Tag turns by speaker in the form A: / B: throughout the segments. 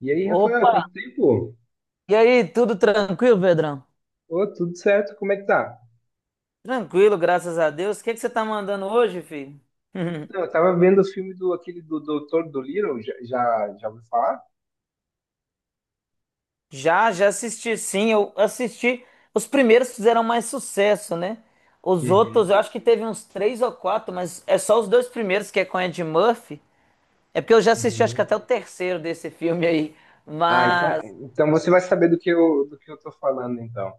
A: E aí, Rafael,
B: Opa!
A: quanto tempo?
B: E aí, tudo tranquilo, Pedrão?
A: Ô, tudo certo, como é que tá?
B: Tranquilo, graças a Deus. O que que você tá mandando hoje, filho?
A: Então, eu tava vendo os filmes do aquele do Doutor Dolittle, já ouviu falar?
B: Já, já assisti, sim. Eu assisti. Os primeiros fizeram mais sucesso, né? Os
A: Uhum,
B: outros, eu acho que teve uns três ou quatro, mas é só os dois primeiros que é com Ed Murphy. É porque eu já assisti, acho que
A: uhum.
B: até o terceiro desse filme aí.
A: Ah, então,
B: Mas,
A: então você vai saber do que eu tô falando, então.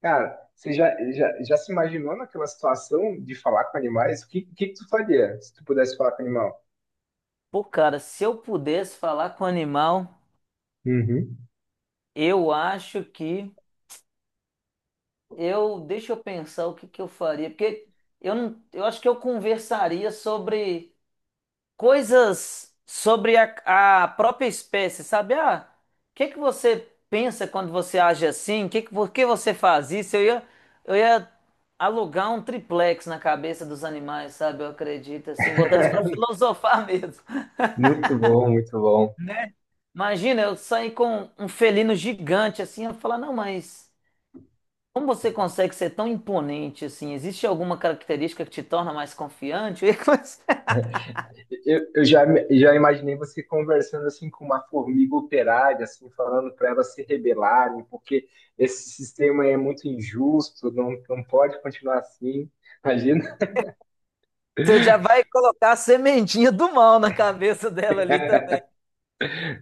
A: Cara, você já se imaginou naquela situação de falar com animais? O que tu faria se tu pudesse falar com animal?
B: pô, cara, se eu pudesse falar com o animal,
A: Uhum.
B: eu acho que deixa eu pensar o que que eu faria, porque eu não, eu acho que eu conversaria sobre coisas sobre a própria espécie, sabe? Ah, o que que você pensa quando você age assim? Por que você faz isso? Eu ia alugar um triplex na cabeça dos animais, sabe? Eu acredito, assim, botar eles para filosofar mesmo.
A: Muito bom, muito bom.
B: Imagina eu sair com um felino gigante assim, eu falar, não, mas. Como você consegue ser tão imponente assim? Existe alguma característica que te torna mais confiante?
A: Eu já imaginei você conversando assim com uma formiga operária, assim, falando para elas se rebelarem, porque esse sistema é muito injusto, não pode continuar assim. Imagina,
B: Você já vai colocar a sementinha do mal na cabeça dela ali também.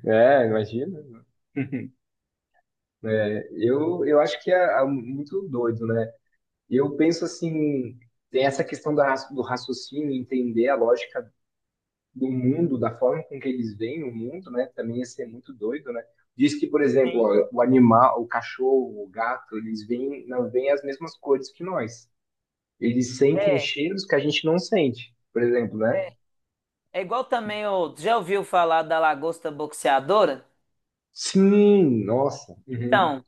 A: imagina. É, eu acho que é muito doido, né? Eu penso assim, tem essa questão do raciocínio, entender a lógica do mundo, da forma com que eles veem o mundo, né? Também ia ser muito doido, né? Diz que, por exemplo,
B: Sim.
A: ó, o animal, o cachorro, o gato, eles veem, não veem as mesmas cores que nós. Eles sentem
B: É, é
A: cheiros que a gente não sente, por exemplo, né?
B: É igual também o. Já ouviu falar da lagosta boxeadora?
A: Sim, nossa, uhum,
B: Então,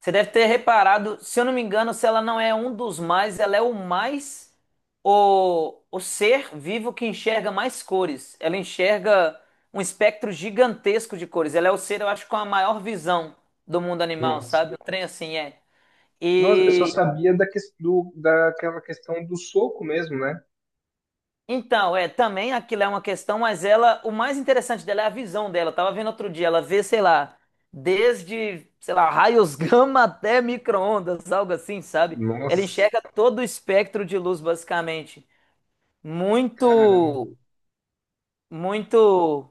B: você deve ter reparado, se eu não me engano, se ela não é um dos mais, ela é o mais, o ser vivo que enxerga mais cores. Ela enxerga um espectro gigantesco de cores. Ela é o ser, eu acho, com a maior visão do mundo animal,
A: nossa.
B: sabe? Um trem assim é.
A: Nossa, eu só
B: E
A: sabia daquela questão do soco mesmo, né?
B: então, é, também aquilo é uma questão, mas ela, o mais interessante dela é a visão dela. Eu tava vendo outro dia, ela vê, sei lá, desde, sei lá, raios gama até micro-ondas, algo assim, sabe? Ela
A: Nossa,
B: enxerga todo o espectro de luz, basicamente.
A: caramba.
B: Muito, muito,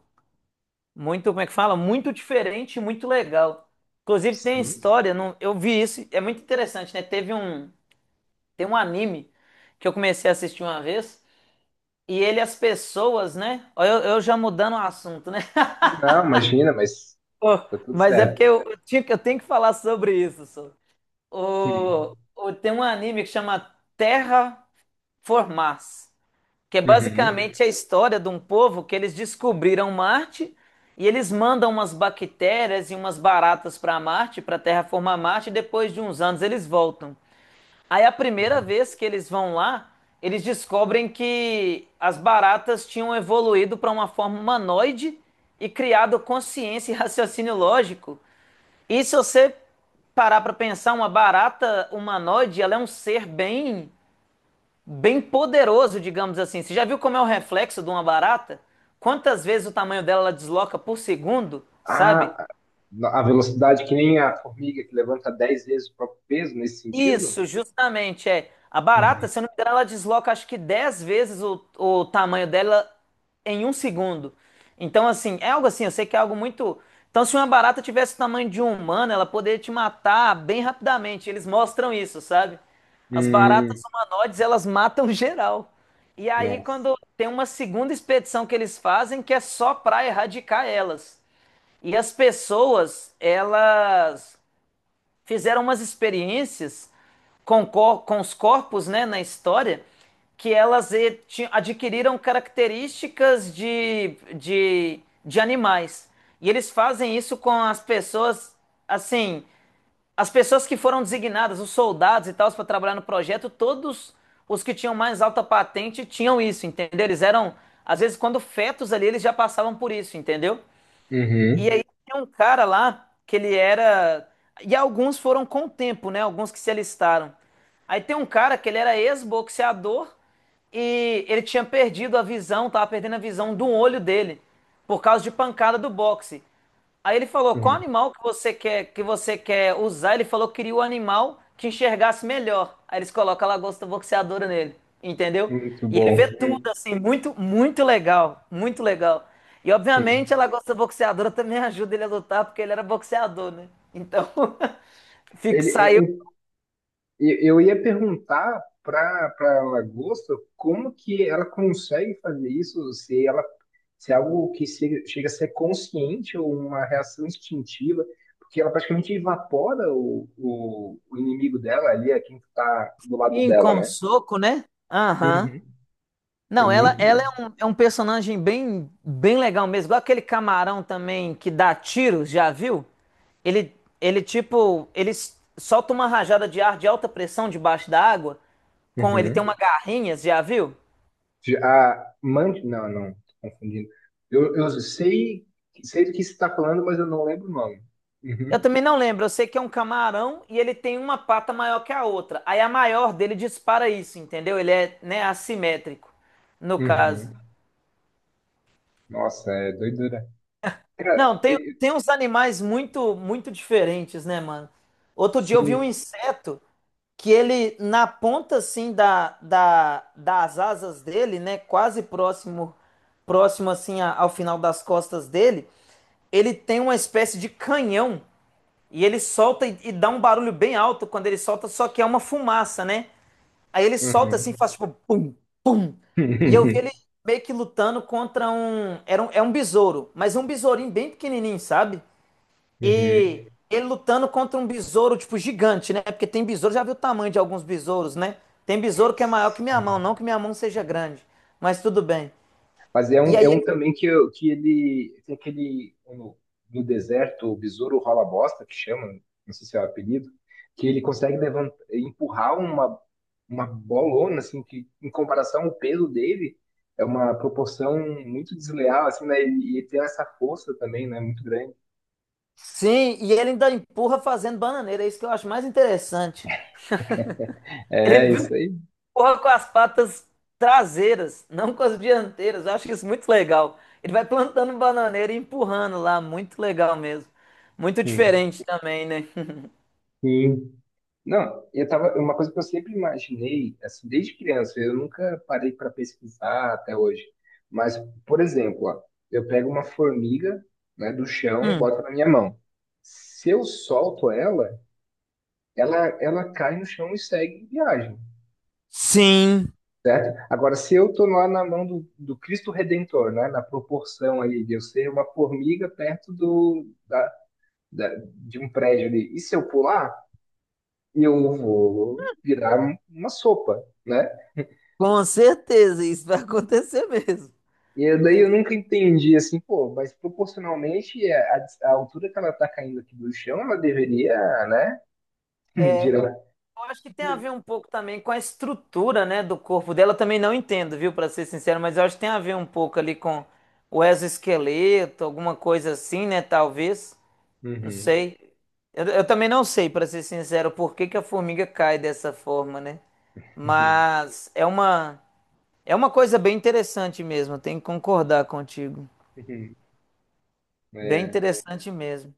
B: muito, como é que fala? Muito diferente, e muito legal. Inclusive tem
A: Sim.
B: história, não, eu vi isso, é muito interessante, né? Tem um anime que eu comecei a assistir uma vez. E ele, as pessoas, né? Ó, Eu já mudando o assunto, né?
A: Não, imagina, mas
B: Ô,
A: tá tudo
B: mas é
A: certo.
B: porque eu, eu tenho que falar sobre isso. Sô.
A: Uhum.
B: Tem um anime que chama Terra Formars, que é
A: Uhum.
B: basicamente a história de um povo que eles descobriram Marte e eles mandam umas bactérias e umas baratas para Marte, para terraformar Marte, e depois de uns anos eles voltam. Aí a primeira
A: Uhum.
B: vez que eles vão lá, eles descobrem que as baratas tinham evoluído para uma forma humanoide e criado consciência e raciocínio lógico. E se você parar para pensar, uma barata humanoide, ela é um ser bem bem poderoso, digamos assim. Você já viu como é o reflexo de uma barata? Quantas vezes o tamanho dela ela desloca por segundo, sabe?
A: Ah, a velocidade que nem a formiga que levanta 10 vezes o próprio peso nesse sentido?
B: Isso, justamente, é. A
A: Uhum.
B: barata, se eu não me engano, ela desloca acho que 10 vezes o tamanho dela em um segundo. Então, assim, é algo assim, eu sei que é algo muito. Então, se uma barata tivesse o tamanho de um humano, ela poderia te matar bem rapidamente. Eles mostram isso, sabe? As
A: Hum,
B: baratas humanoides, elas matam geral. E aí,
A: nossa.
B: quando tem uma segunda expedição que eles fazem, que é só pra erradicar elas. E as pessoas, elas fizeram umas experiências com os corpos, né, na história, que elas adquiriram características de animais. E eles fazem isso com as pessoas, assim, as pessoas que foram designadas, os soldados e tal, para trabalhar no projeto, todos os que tinham mais alta patente tinham isso, entendeu? Eles eram, às vezes, quando fetos ali, eles já passavam por isso, entendeu? E
A: Uhum.
B: aí tem um cara lá que ele era. E alguns foram com o tempo, né? Alguns que se alistaram. Aí tem um cara que ele era ex-boxeador e ele tinha perdido a visão, tava perdendo a visão do olho dele por causa de pancada do boxe. Aí ele falou, qual
A: Uhum.
B: animal que você quer usar? Ele falou que queria o animal que enxergasse melhor. Aí eles colocam a lagosta boxeadora nele, entendeu?
A: Muito
B: E ele vê
A: bom.
B: tudo assim, muito, muito legal, muito legal. E
A: Uhum.
B: obviamente a lagosta boxeadora também ajuda ele a lutar porque ele era boxeador, né? Então, fica,
A: Ele, é,
B: saiu
A: um- e- eu ia perguntar para a lagosta como que ela consegue fazer isso, se é algo que chega a ser consciente ou uma reação instintiva, porque ela praticamente evapora o inimigo dela ali, é quem está do lado
B: em
A: dela,
B: com
A: né?
B: soco, né? Aham.
A: Uhum. É
B: Não, ela,
A: muito,
B: ela
A: bom.
B: é um personagem bem, bem legal mesmo. Igual aquele camarão também que dá tiros, já viu? Ele, ele tipo, solta uma rajada de ar de alta pressão debaixo da água. Ele tem uma
A: Uhum.
B: garrinha, já viu?
A: já Mand... Não, não, tô confundindo. Eu sei do que você está falando, mas eu não lembro o nome.
B: Eu
A: Uhum.
B: também não lembro. Eu sei que é um camarão e ele tem uma pata maior que a outra. Aí a maior dele dispara isso, entendeu? Ele é, né, assimétrico, no caso.
A: Uhum. Nossa, é doidura. Cara,
B: Não, tem,
A: e-
B: tem uns animais muito, muito diferentes, né, mano? Outro dia eu vi um
A: sim.
B: inseto, que ele, na ponta assim das asas dele, né, quase próximo assim ao final das costas dele, ele tem uma espécie de canhão e ele solta e dá um barulho bem alto quando ele solta, só que é uma fumaça, né? Aí ele solta assim,
A: Uhum.
B: faz tipo pum, pum. E eu vi ele meio que lutando contra um, era um, é um besouro, mas um besourinho bem pequenininho, sabe? E
A: Uhum.
B: ele lutando contra um besouro, tipo, gigante, né? Porque tem besouro, já viu o tamanho de alguns besouros, né? Tem besouro que é maior que minha mão,
A: Sim.
B: não que minha mão seja grande, mas tudo bem.
A: Mas é
B: E
A: um,
B: aí
A: é um
B: ele,
A: também que, que ele tem aquele no deserto, o besouro rola bosta, que chama, não sei se é o apelido, que ele consegue levantar, empurrar uma bolona, assim, que em comparação ao peso dele, é uma proporção muito desleal, assim, né? E tem essa força também, né? Muito grande.
B: sim, e ele ainda empurra fazendo bananeira, é isso que eu acho mais interessante. Ele
A: É, isso aí.
B: empurra com as patas traseiras, não com as dianteiras, eu acho isso muito legal. Ele vai plantando bananeira e empurrando lá, muito legal mesmo. Muito
A: Hum.
B: diferente também, né?
A: Sim. Não, eu tava, uma coisa que eu sempre imaginei, assim, desde criança, eu nunca parei para pesquisar até hoje. Mas, por exemplo, ó, eu pego uma formiga, né, do chão,
B: Hum.
A: boto na minha mão. Se eu solto ela, ela cai no chão e segue viagem.
B: Sim.
A: Certo? Agora, se eu estou lá na mão do Cristo Redentor, né, na proporção ali de eu ser uma formiga perto de um prédio ali, e se eu pular, eu vou virar uma sopa, né?
B: Com certeza, isso vai acontecer mesmo.
A: E daí eu nunca entendi assim, pô, mas proporcionalmente é, a altura que ela está caindo aqui do chão, ela deveria, né,
B: É,
A: virar.
B: eu acho que tem a ver um pouco também com a estrutura, né, do corpo dela. Eu também não entendo, viu, para ser sincero, mas eu acho que tem a ver um pouco ali com o exoesqueleto, alguma coisa assim, né, talvez. Não
A: Uhum.
B: sei. Eu também não sei, para ser sincero, por que que a formiga cai dessa forma, né? Mas é uma coisa bem interessante mesmo, eu tenho que concordar contigo. Bem
A: É.
B: interessante mesmo.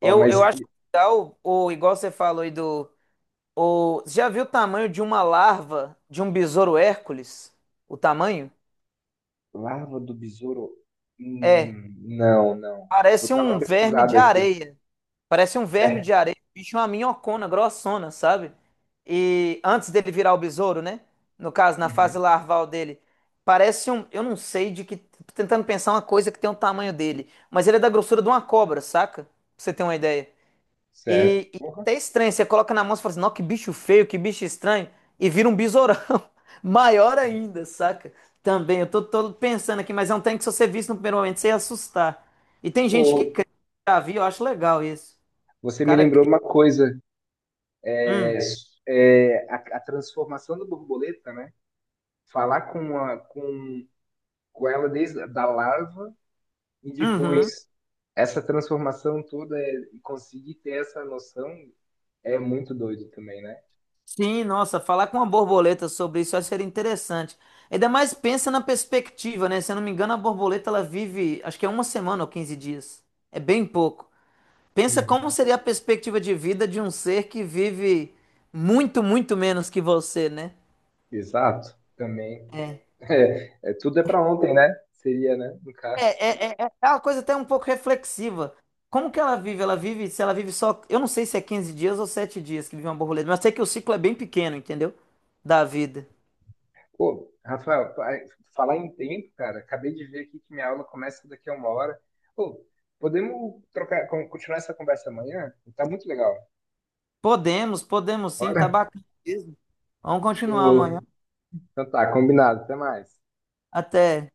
A: Ó,
B: Eu
A: mas
B: acho legal, ou igual você falou aí do. O, você já viu o tamanho de uma larva de um besouro Hércules? O tamanho?
A: larva do besouro?
B: É.
A: Não, não. Vou
B: Parece
A: dar uma
B: um verme de
A: pesquisada aqui.
B: areia. Parece um verme
A: É.
B: de areia. O bicho é uma minhocona grossona, sabe? E antes dele virar o besouro, né? No caso, na fase
A: Uhum.
B: larval dele. Parece um. Eu não sei de que. Tô tentando pensar uma coisa que tem o tamanho dele. Mas ele é da grossura de uma cobra, saca? Pra você ter uma ideia.
A: Certo.
B: E
A: Porra.
B: até estranho, você coloca na mão e fala assim, não, que bicho feio, que bicho estranho, e vira um besourão. Maior ainda, saca? Também, eu tô pensando aqui, mas é um trem que se você visse no primeiro momento, você ia assustar. E tem
A: Ô,
B: gente que cria, já vi, eu acho legal isso. O
A: você me
B: cara
A: lembrou
B: cria.
A: uma coisa,
B: Hum,
A: é, a transformação da borboleta, né? Falar com com ela desde da larva e
B: uhum.
A: depois essa transformação toda, é, e conseguir ter essa noção é muito doido também, né?
B: Sim, nossa, falar com uma borboleta sobre isso eu acho que seria interessante. Ainda mais pensa na perspectiva, né? Se eu não me engano, a borboleta ela vive, acho que é uma semana ou 15 dias. É bem pouco. Pensa como
A: Uhum.
B: seria a perspectiva de vida de um ser que vive muito, muito menos que você, né?
A: Exato, também.
B: É,
A: Tudo é para ontem, né? Seria, né? No caso.
B: é, é uma coisa até um pouco reflexiva. Como que ela vive? Se ela vive só, eu não sei se é 15 dias ou 7 dias que vive uma borboleta, mas sei que o ciclo é bem pequeno, entendeu? Da vida.
A: Pô, Rafael, falar em tempo, cara, acabei de ver aqui que minha aula começa daqui a uma hora. Pô, podemos trocar, continuar essa conversa amanhã? Tá muito legal.
B: Podemos, podemos sim, tá
A: Bora?
B: bacana mesmo. Vamos continuar
A: Show.
B: amanhã.
A: Então tá, combinado. Até mais.
B: Até.